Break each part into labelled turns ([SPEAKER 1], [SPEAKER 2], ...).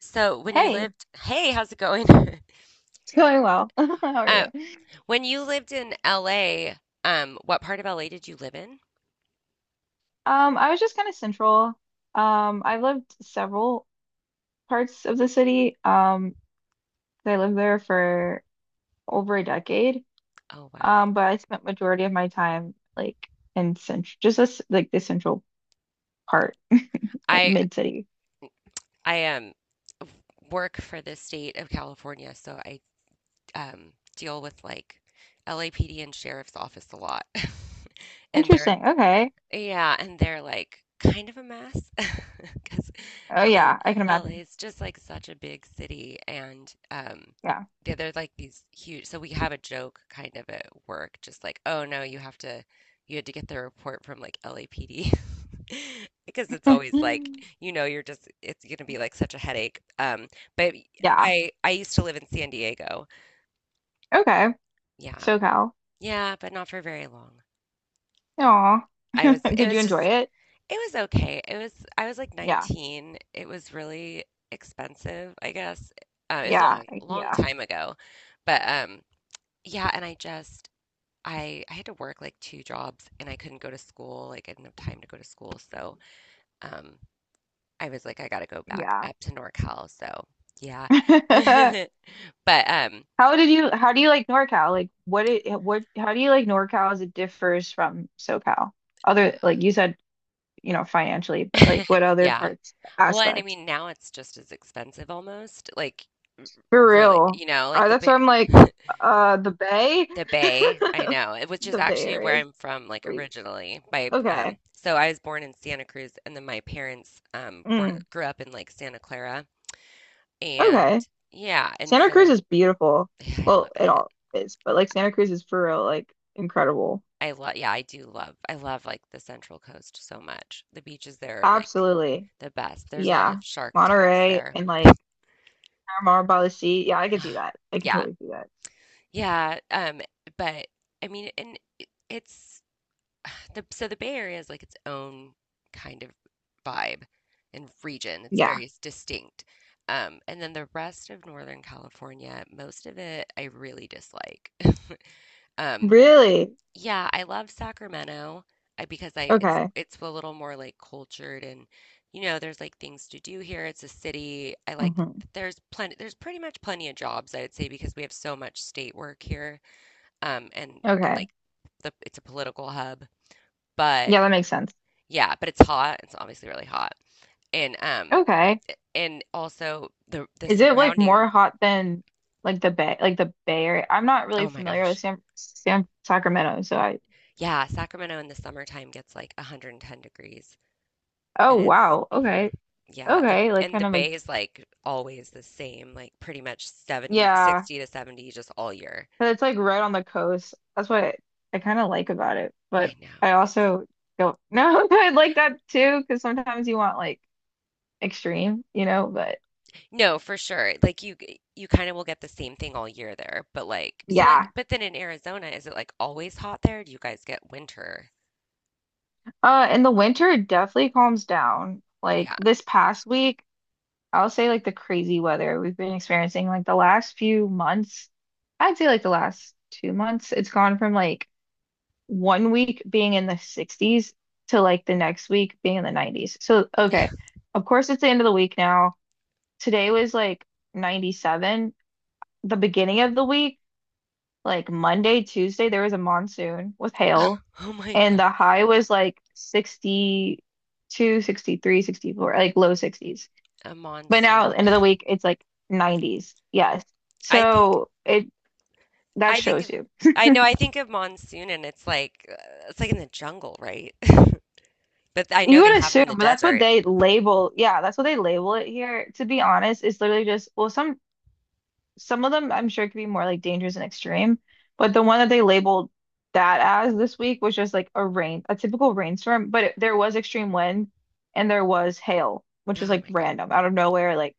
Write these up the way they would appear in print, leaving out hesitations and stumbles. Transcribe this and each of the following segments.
[SPEAKER 1] So when you
[SPEAKER 2] Hey,
[SPEAKER 1] lived, hey, how's it going?
[SPEAKER 2] it's going well. How are
[SPEAKER 1] Uh,
[SPEAKER 2] you?
[SPEAKER 1] when you lived in LA, what part of LA did you live in?
[SPEAKER 2] I was just kind of central. I've lived several parts of the city. I lived there for over a decade.
[SPEAKER 1] Oh wow.
[SPEAKER 2] But I spent majority of my time like in central, just this, like the central part, like
[SPEAKER 1] I
[SPEAKER 2] mid city.
[SPEAKER 1] I work for the state of California, so I deal with like LAPD and sheriff's office a lot. And they're
[SPEAKER 2] Interesting. Okay.
[SPEAKER 1] Yeah, and they're, like, kind of a mess 'cause
[SPEAKER 2] Oh
[SPEAKER 1] LA
[SPEAKER 2] yeah, I can
[SPEAKER 1] LA
[SPEAKER 2] imagine.
[SPEAKER 1] is just, like, such a big city, and,
[SPEAKER 2] Yeah.
[SPEAKER 1] yeah, they're, like, these huge so we have a joke kind of at work, just like, "Oh, no, you had to get the report from, like, LAPD," because it's always, like, you're just it's gonna be, like, such a headache, but
[SPEAKER 2] Yeah.
[SPEAKER 1] I used to live in San Diego.
[SPEAKER 2] Okay.
[SPEAKER 1] Yeah.
[SPEAKER 2] SoCal.
[SPEAKER 1] Yeah, but not for very long.
[SPEAKER 2] Aw.
[SPEAKER 1] I was it
[SPEAKER 2] Did you
[SPEAKER 1] was
[SPEAKER 2] enjoy
[SPEAKER 1] just
[SPEAKER 2] it?
[SPEAKER 1] It was okay. It was I was like
[SPEAKER 2] Yeah.
[SPEAKER 1] 19. It was really expensive, I guess. It was a
[SPEAKER 2] Yeah.
[SPEAKER 1] long, long
[SPEAKER 2] Yeah.
[SPEAKER 1] time ago. But yeah, and I had to work like two jobs and I couldn't go to school. Like I didn't have time to go to school. So um I was like I gotta go back
[SPEAKER 2] Yeah.
[SPEAKER 1] up to NorCal. So yeah. But
[SPEAKER 2] How did you how do you like NorCal? Like what it what how do you like NorCal as it differs from SoCal? Other like you said, you know, financially, but like what other
[SPEAKER 1] yeah.
[SPEAKER 2] parts
[SPEAKER 1] Well, and I
[SPEAKER 2] aspects?
[SPEAKER 1] mean now it's just as expensive almost. Like
[SPEAKER 2] For
[SPEAKER 1] really,
[SPEAKER 2] real.
[SPEAKER 1] like the
[SPEAKER 2] That's why
[SPEAKER 1] bit
[SPEAKER 2] I'm like the Bay.
[SPEAKER 1] The Bay, I know, eh, which is
[SPEAKER 2] The Bay
[SPEAKER 1] actually
[SPEAKER 2] Area
[SPEAKER 1] where
[SPEAKER 2] is
[SPEAKER 1] I'm from, like
[SPEAKER 2] crazy.
[SPEAKER 1] originally. My
[SPEAKER 2] Okay.
[SPEAKER 1] so I was born in Santa Cruz, and then my parents were
[SPEAKER 2] Mm,
[SPEAKER 1] grew up in like Santa Clara,
[SPEAKER 2] okay.
[SPEAKER 1] and yeah, and
[SPEAKER 2] Santa Cruz
[SPEAKER 1] so
[SPEAKER 2] is beautiful.
[SPEAKER 1] yeah, I
[SPEAKER 2] Well,
[SPEAKER 1] love
[SPEAKER 2] it
[SPEAKER 1] it.
[SPEAKER 2] all is, but like Santa Cruz is for real, like incredible.
[SPEAKER 1] I love, yeah, I love like the Central Coast so much. The beaches there are like
[SPEAKER 2] Absolutely.
[SPEAKER 1] the best. There's a lot of
[SPEAKER 2] Yeah.
[SPEAKER 1] shark attacks
[SPEAKER 2] Monterey
[SPEAKER 1] there.
[SPEAKER 2] and like Omar Balaci. Yeah, I could see
[SPEAKER 1] Ah,
[SPEAKER 2] that. I could
[SPEAKER 1] yeah,
[SPEAKER 2] totally see that.
[SPEAKER 1] yeah, but I mean, and it's. The Bay Area is like its own kind of vibe and region. It's
[SPEAKER 2] Yeah.
[SPEAKER 1] very distinct. And then the rest of Northern California, most of it I really dislike. Um,
[SPEAKER 2] Really?
[SPEAKER 1] yeah, I love Sacramento, because I it's
[SPEAKER 2] Okay.
[SPEAKER 1] it's a little more like cultured and there's like things to do here. It's a city. I like
[SPEAKER 2] Hmm.
[SPEAKER 1] that there's pretty much plenty of jobs I would say because we have so much state work here. Um, and and
[SPEAKER 2] Okay.
[SPEAKER 1] like the it's a political hub,
[SPEAKER 2] Yeah,
[SPEAKER 1] but
[SPEAKER 2] that makes sense.
[SPEAKER 1] yeah, but it's hot. It's obviously really hot. And um
[SPEAKER 2] Okay.
[SPEAKER 1] and also the
[SPEAKER 2] Is it like
[SPEAKER 1] surrounding,
[SPEAKER 2] more hot than like the Bay Area? I'm not really
[SPEAKER 1] oh my
[SPEAKER 2] familiar with
[SPEAKER 1] gosh.
[SPEAKER 2] San Sacramento, so I.
[SPEAKER 1] Yeah, Sacramento in the summertime gets like 110 degrees
[SPEAKER 2] Oh
[SPEAKER 1] and it's
[SPEAKER 2] wow.
[SPEAKER 1] hmm
[SPEAKER 2] Okay.
[SPEAKER 1] yeah, the
[SPEAKER 2] Okay. Like
[SPEAKER 1] and the
[SPEAKER 2] kind of like
[SPEAKER 1] bay is like always the same, like pretty much 70
[SPEAKER 2] yeah,
[SPEAKER 1] 60 to 70 just all year.
[SPEAKER 2] but it's like right on the coast. That's what I kind of like about it.
[SPEAKER 1] I
[SPEAKER 2] But
[SPEAKER 1] know.
[SPEAKER 2] I
[SPEAKER 1] It's
[SPEAKER 2] also don't know. I like that too because sometimes you want like extreme, you know. But
[SPEAKER 1] No, for sure. Like you kind of will get the same thing all year there, but like so like
[SPEAKER 2] yeah.
[SPEAKER 1] but then in Arizona is it like always hot there? Do you guys get winter?
[SPEAKER 2] In the winter, it definitely calms down. Like
[SPEAKER 1] Yeah.
[SPEAKER 2] this past week, I'll say like the crazy weather we've been experiencing, like the last few months, I'd say like the last 2 months, it's gone from like one week being in the 60s to like the next week being in the 90s. So, okay, of course, it's the end of the week now. Today was like 97. The beginning of the week like Monday, Tuesday, there was a monsoon with hail,
[SPEAKER 1] Oh my
[SPEAKER 2] and the
[SPEAKER 1] God.
[SPEAKER 2] high was like 60, two, 63, 64, like low 60s.
[SPEAKER 1] A
[SPEAKER 2] But now,
[SPEAKER 1] monsoon.
[SPEAKER 2] end of the week, it's like 90s. Yes.
[SPEAKER 1] I think
[SPEAKER 2] So it that
[SPEAKER 1] I think
[SPEAKER 2] shows
[SPEAKER 1] of
[SPEAKER 2] you.
[SPEAKER 1] I know, I think of monsoon and it's like in the jungle, right? But I
[SPEAKER 2] You
[SPEAKER 1] know they
[SPEAKER 2] would
[SPEAKER 1] have them in
[SPEAKER 2] assume,
[SPEAKER 1] the
[SPEAKER 2] but that's what
[SPEAKER 1] desert.
[SPEAKER 2] they label. Yeah, that's what they label it here. To be honest, it's literally just, well, some of them I'm sure could be more like dangerous and extreme, but the one that they labeled that as this week was just like a rain, a typical rainstorm, but it, there was extreme wind and there was hail, which was
[SPEAKER 1] Oh
[SPEAKER 2] like
[SPEAKER 1] my God.
[SPEAKER 2] random out of nowhere, like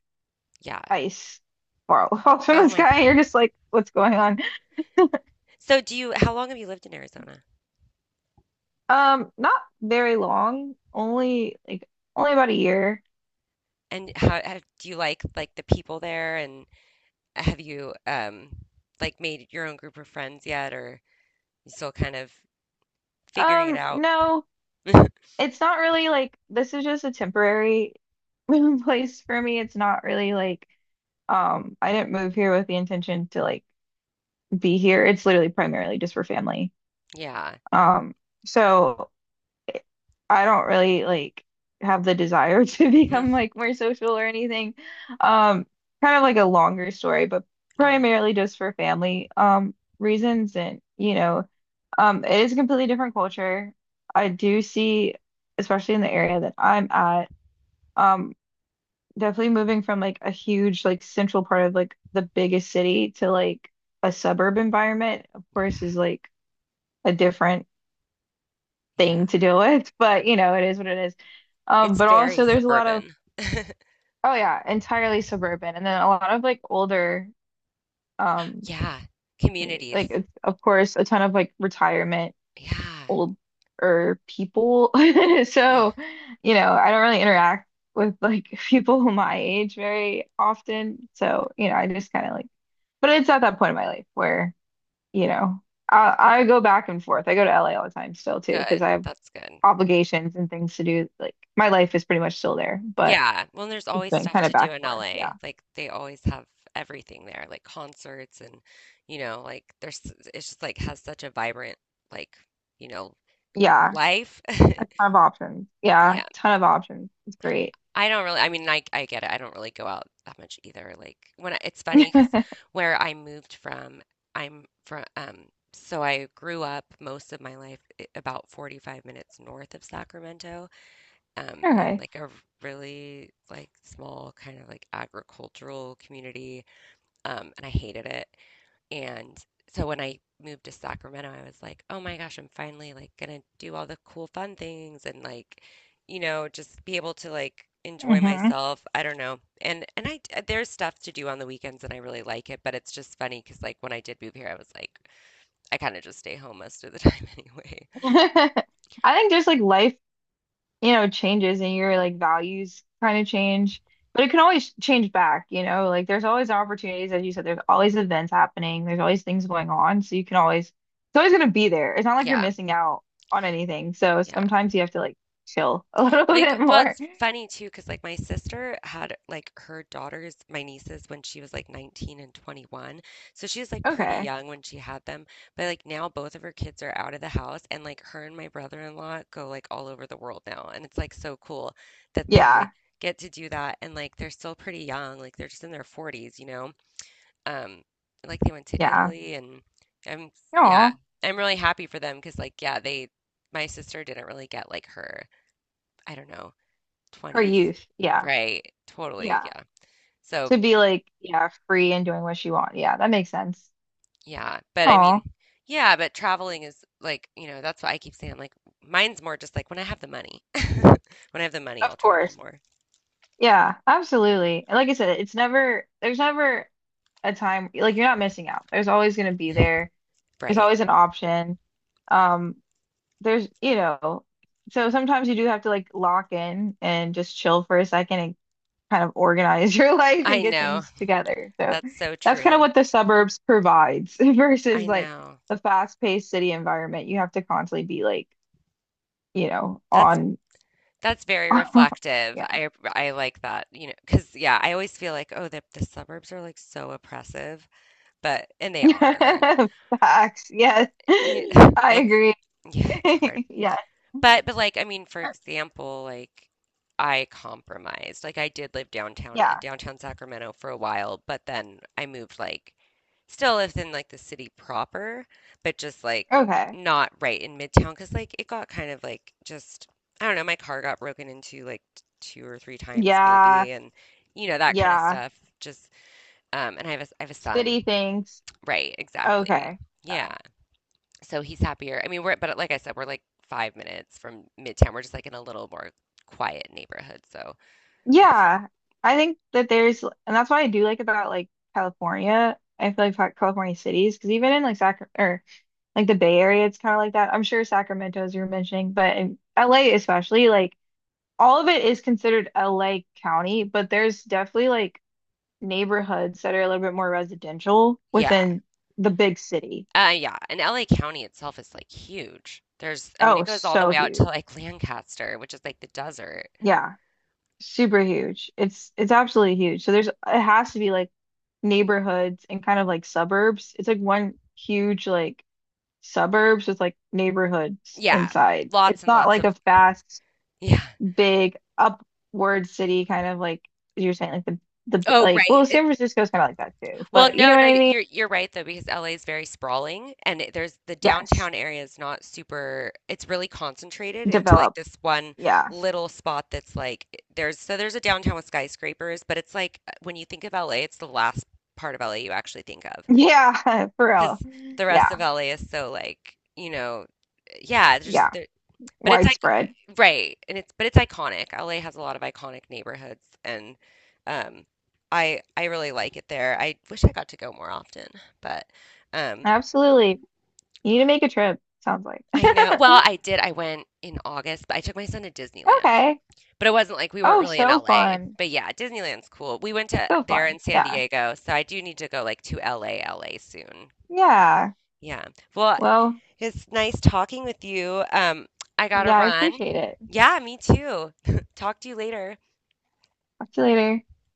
[SPEAKER 1] Yeah.
[SPEAKER 2] ice far off in
[SPEAKER 1] Oh
[SPEAKER 2] the
[SPEAKER 1] my
[SPEAKER 2] sky. And you're
[SPEAKER 1] God.
[SPEAKER 2] just like, what's going on?
[SPEAKER 1] So do you how long have you lived in Arizona?
[SPEAKER 2] Not very long, only like only about a year.
[SPEAKER 1] And how do you like the people there and have you like made your own group of friends yet or you still kind of figuring it out?
[SPEAKER 2] No, it's not really like this is just a temporary place for me. It's not really like. I didn't move here with the intention to like be here. It's literally primarily just for family.
[SPEAKER 1] Yeah,
[SPEAKER 2] Um, so I
[SPEAKER 1] it's
[SPEAKER 2] don't really like have the desire to become like more social or anything. Um, Kind of like a longer story, but
[SPEAKER 1] oh,
[SPEAKER 2] primarily just for family reasons and you know, it is a completely different culture. I do see, especially in the area that I'm at, um, definitely moving from like a huge like central part of like the biggest city to like a suburb environment, of
[SPEAKER 1] yeah,
[SPEAKER 2] course, is like a different
[SPEAKER 1] yeah.
[SPEAKER 2] thing to deal with, but you know, it is what it is.
[SPEAKER 1] It's
[SPEAKER 2] But
[SPEAKER 1] very
[SPEAKER 2] also there's a lot of
[SPEAKER 1] suburban.
[SPEAKER 2] oh yeah, entirely suburban and then a lot of like older um
[SPEAKER 1] Yeah,
[SPEAKER 2] community. Like
[SPEAKER 1] communities.
[SPEAKER 2] it's of course a ton of like retirement
[SPEAKER 1] Yeah,
[SPEAKER 2] older people.
[SPEAKER 1] yeah.
[SPEAKER 2] So, you know, I don't really interact with like people my age very often. So, you know, I just kind of like. But it's at that point in my life where, you know, I go back and forth. I go to LA all the time still too, because
[SPEAKER 1] Good.
[SPEAKER 2] I have
[SPEAKER 1] That's good.
[SPEAKER 2] obligations and things to do. Like my life is pretty much still there, but
[SPEAKER 1] Yeah. Well, there's
[SPEAKER 2] it's
[SPEAKER 1] always
[SPEAKER 2] been
[SPEAKER 1] stuff
[SPEAKER 2] kind of
[SPEAKER 1] to do
[SPEAKER 2] back
[SPEAKER 1] in
[SPEAKER 2] and forth. Yeah.
[SPEAKER 1] LA. Like they always have everything there, like concerts and like there's it's just like has such a vibrant like, you know,
[SPEAKER 2] Yeah.
[SPEAKER 1] life.
[SPEAKER 2] A ton of options. Yeah.
[SPEAKER 1] Yeah.
[SPEAKER 2] Ton of options. It's great.
[SPEAKER 1] I don't really I mean, I get it. I don't really go out that much either. Like, when I it's funny because where I moved from, I'm from so I grew up most of my life I about 45 minutes north of Sacramento, in,
[SPEAKER 2] Okay.
[SPEAKER 1] like, a really, like, small kind of, like, agricultural community, and I hated it. And so when I moved to Sacramento, I was like, "Oh my gosh, I'm finally like gonna do all the cool fun things and like, you know, just be able to like enjoy
[SPEAKER 2] Hmm.
[SPEAKER 1] myself." I don't know. And I there's stuff to do on the weekends and I really like it, but it's just funny because like when I did move here, I was like I kind of just stay home most of the time anyway.
[SPEAKER 2] I think just like life you know, changes and your like values kind of change, but it can always change back, you know, like there's always opportunities, as you said, there's always events happening, there's always things going on. So you can always, it's always going to be there. It's not like you're
[SPEAKER 1] Yeah.
[SPEAKER 2] missing out on anything. So
[SPEAKER 1] Yeah.
[SPEAKER 2] sometimes you have to like chill a little
[SPEAKER 1] Like,
[SPEAKER 2] bit
[SPEAKER 1] well,
[SPEAKER 2] more.
[SPEAKER 1] it's funny too, cause like, my sister had, like, her daughters my nieces when she was, like, 19 and 21, so she was, like, pretty
[SPEAKER 2] Okay.
[SPEAKER 1] young when she had them, but, like, now both of her kids are out of the house, and, like, her and my brother-in-law go, like, all over the world now, and it's, like, so cool that they
[SPEAKER 2] Yeah.
[SPEAKER 1] get to do that, and, like, they're still pretty young, like, they're just in their 40s, you know? Um, like, they went to
[SPEAKER 2] Yeah.
[SPEAKER 1] Italy and I'm yeah,
[SPEAKER 2] Oh,
[SPEAKER 1] I'm really happy for them, cause like, yeah, they my sister didn't really get, like, her I don't know,
[SPEAKER 2] her
[SPEAKER 1] 20s.
[SPEAKER 2] youth. Yeah.
[SPEAKER 1] Right. Totally,
[SPEAKER 2] Yeah.
[SPEAKER 1] yeah. So,
[SPEAKER 2] To be like, yeah, free and doing what you want. Yeah. That makes sense.
[SPEAKER 1] yeah, but I
[SPEAKER 2] Oh,
[SPEAKER 1] mean yeah, but traveling is like, that's what I keep saying like mine's more just like when I have the money. When I have the money, I'll
[SPEAKER 2] of
[SPEAKER 1] travel
[SPEAKER 2] course.
[SPEAKER 1] more.
[SPEAKER 2] Yeah, absolutely. And like I said, it's never, there's never a time like you're not missing out. There's always going to be there. There's
[SPEAKER 1] Right.
[SPEAKER 2] always an option. Um, there's, you know, so sometimes you do have to like lock in and just chill for a second and kind of organize your life and
[SPEAKER 1] I
[SPEAKER 2] get
[SPEAKER 1] know.
[SPEAKER 2] things together. So
[SPEAKER 1] That's so
[SPEAKER 2] that's kind of
[SPEAKER 1] true.
[SPEAKER 2] what the suburbs provides versus
[SPEAKER 1] I
[SPEAKER 2] like
[SPEAKER 1] know.
[SPEAKER 2] the fast-paced city environment. You have to constantly be like, you know,
[SPEAKER 1] That's
[SPEAKER 2] on
[SPEAKER 1] that's very reflective.
[SPEAKER 2] yeah.
[SPEAKER 1] I like that, you know because yeah, I always feel like, oh, the suburbs are like so oppressive, but and they are.
[SPEAKER 2] Facts. Yes.
[SPEAKER 1] You-
[SPEAKER 2] I
[SPEAKER 1] That's
[SPEAKER 2] agree.
[SPEAKER 1] yeah, it's hard.
[SPEAKER 2] Yes.
[SPEAKER 1] But like I mean, for example, like I compromised. Like I did live downtown in
[SPEAKER 2] Yeah.
[SPEAKER 1] downtown Sacramento for a while, but then I moved like still within like the city proper, but just like
[SPEAKER 2] Okay.
[SPEAKER 1] not right in Midtown because like it got kind of like just I don't know, my car got broken into like two or three times
[SPEAKER 2] Yeah,
[SPEAKER 1] maybe and you know that kind of
[SPEAKER 2] yeah.
[SPEAKER 1] stuff. Just and I have a son.
[SPEAKER 2] City things.
[SPEAKER 1] Right, exactly.
[SPEAKER 2] Okay. Yeah.
[SPEAKER 1] Yeah. So he's happier. I mean, we're but like I said, we're like 5 minutes from Midtown. We're just like in a little more quiet neighborhood. So it's
[SPEAKER 2] Yeah. I think that there's, and that's what I do like about like California. I feel like California cities, because even in like Sac or like the Bay Area, it's kind of like that. I'm sure Sacramento, as you were mentioning, but in LA especially, like all of it is considered LA County, but there's definitely like neighborhoods that are a little bit more residential
[SPEAKER 1] yeah,
[SPEAKER 2] within the big city.
[SPEAKER 1] yeah. And LA County itself is like huge. I mean, it
[SPEAKER 2] Oh,
[SPEAKER 1] goes all the
[SPEAKER 2] so
[SPEAKER 1] way out to
[SPEAKER 2] huge.
[SPEAKER 1] like Lancaster, which is like the desert.
[SPEAKER 2] Yeah. Super huge. It's absolutely huge. So there's it has to be like neighborhoods and kind of like suburbs. It's like one huge like suburbs with like neighborhoods
[SPEAKER 1] Yeah,
[SPEAKER 2] inside.
[SPEAKER 1] lots
[SPEAKER 2] It's
[SPEAKER 1] and
[SPEAKER 2] not
[SPEAKER 1] lots
[SPEAKER 2] like
[SPEAKER 1] of
[SPEAKER 2] a fast,
[SPEAKER 1] yeah.
[SPEAKER 2] big upward city kind of like you're saying like the
[SPEAKER 1] Oh,
[SPEAKER 2] like well
[SPEAKER 1] right.
[SPEAKER 2] San Francisco's kind of like that too.
[SPEAKER 1] Well,
[SPEAKER 2] But you know
[SPEAKER 1] no,
[SPEAKER 2] what
[SPEAKER 1] no,
[SPEAKER 2] I mean?
[SPEAKER 1] you're right though because LA is very sprawling and there's the
[SPEAKER 2] Yes.
[SPEAKER 1] downtown area is not super it's really concentrated into like
[SPEAKER 2] Developed.
[SPEAKER 1] this one
[SPEAKER 2] Yeah.
[SPEAKER 1] little spot that's like there's a downtown with skyscrapers, but it's like when you think of LA, it's the last part of LA you actually think of
[SPEAKER 2] Yeah, for
[SPEAKER 1] because
[SPEAKER 2] real.
[SPEAKER 1] the rest
[SPEAKER 2] Yeah.
[SPEAKER 1] of LA is so like, you know, yeah, there's just
[SPEAKER 2] Yeah.
[SPEAKER 1] but it's like
[SPEAKER 2] Widespread.
[SPEAKER 1] right, and it's but it's iconic. LA has a lot of iconic neighborhoods, and um, I really like it there. I wish I got to go more often, but um,
[SPEAKER 2] Absolutely. You need to make a trip, sounds like.
[SPEAKER 1] I know. Well, I did. I went in August, but I took my son to Disneyland.
[SPEAKER 2] Okay.
[SPEAKER 1] But it wasn't like we weren't
[SPEAKER 2] Oh,
[SPEAKER 1] really in
[SPEAKER 2] so
[SPEAKER 1] LA.
[SPEAKER 2] fun.
[SPEAKER 1] But yeah, Disneyland's cool. We went to
[SPEAKER 2] So
[SPEAKER 1] there
[SPEAKER 2] fun.
[SPEAKER 1] in San
[SPEAKER 2] Yeah.
[SPEAKER 1] Diego, so I do need to go like to LA soon.
[SPEAKER 2] Yeah.
[SPEAKER 1] Yeah. Well,
[SPEAKER 2] Well,
[SPEAKER 1] it's nice talking with you. I gotta
[SPEAKER 2] yeah, I
[SPEAKER 1] run.
[SPEAKER 2] appreciate it.
[SPEAKER 1] Yeah, me too. Talk to you later.
[SPEAKER 2] Talk to you later.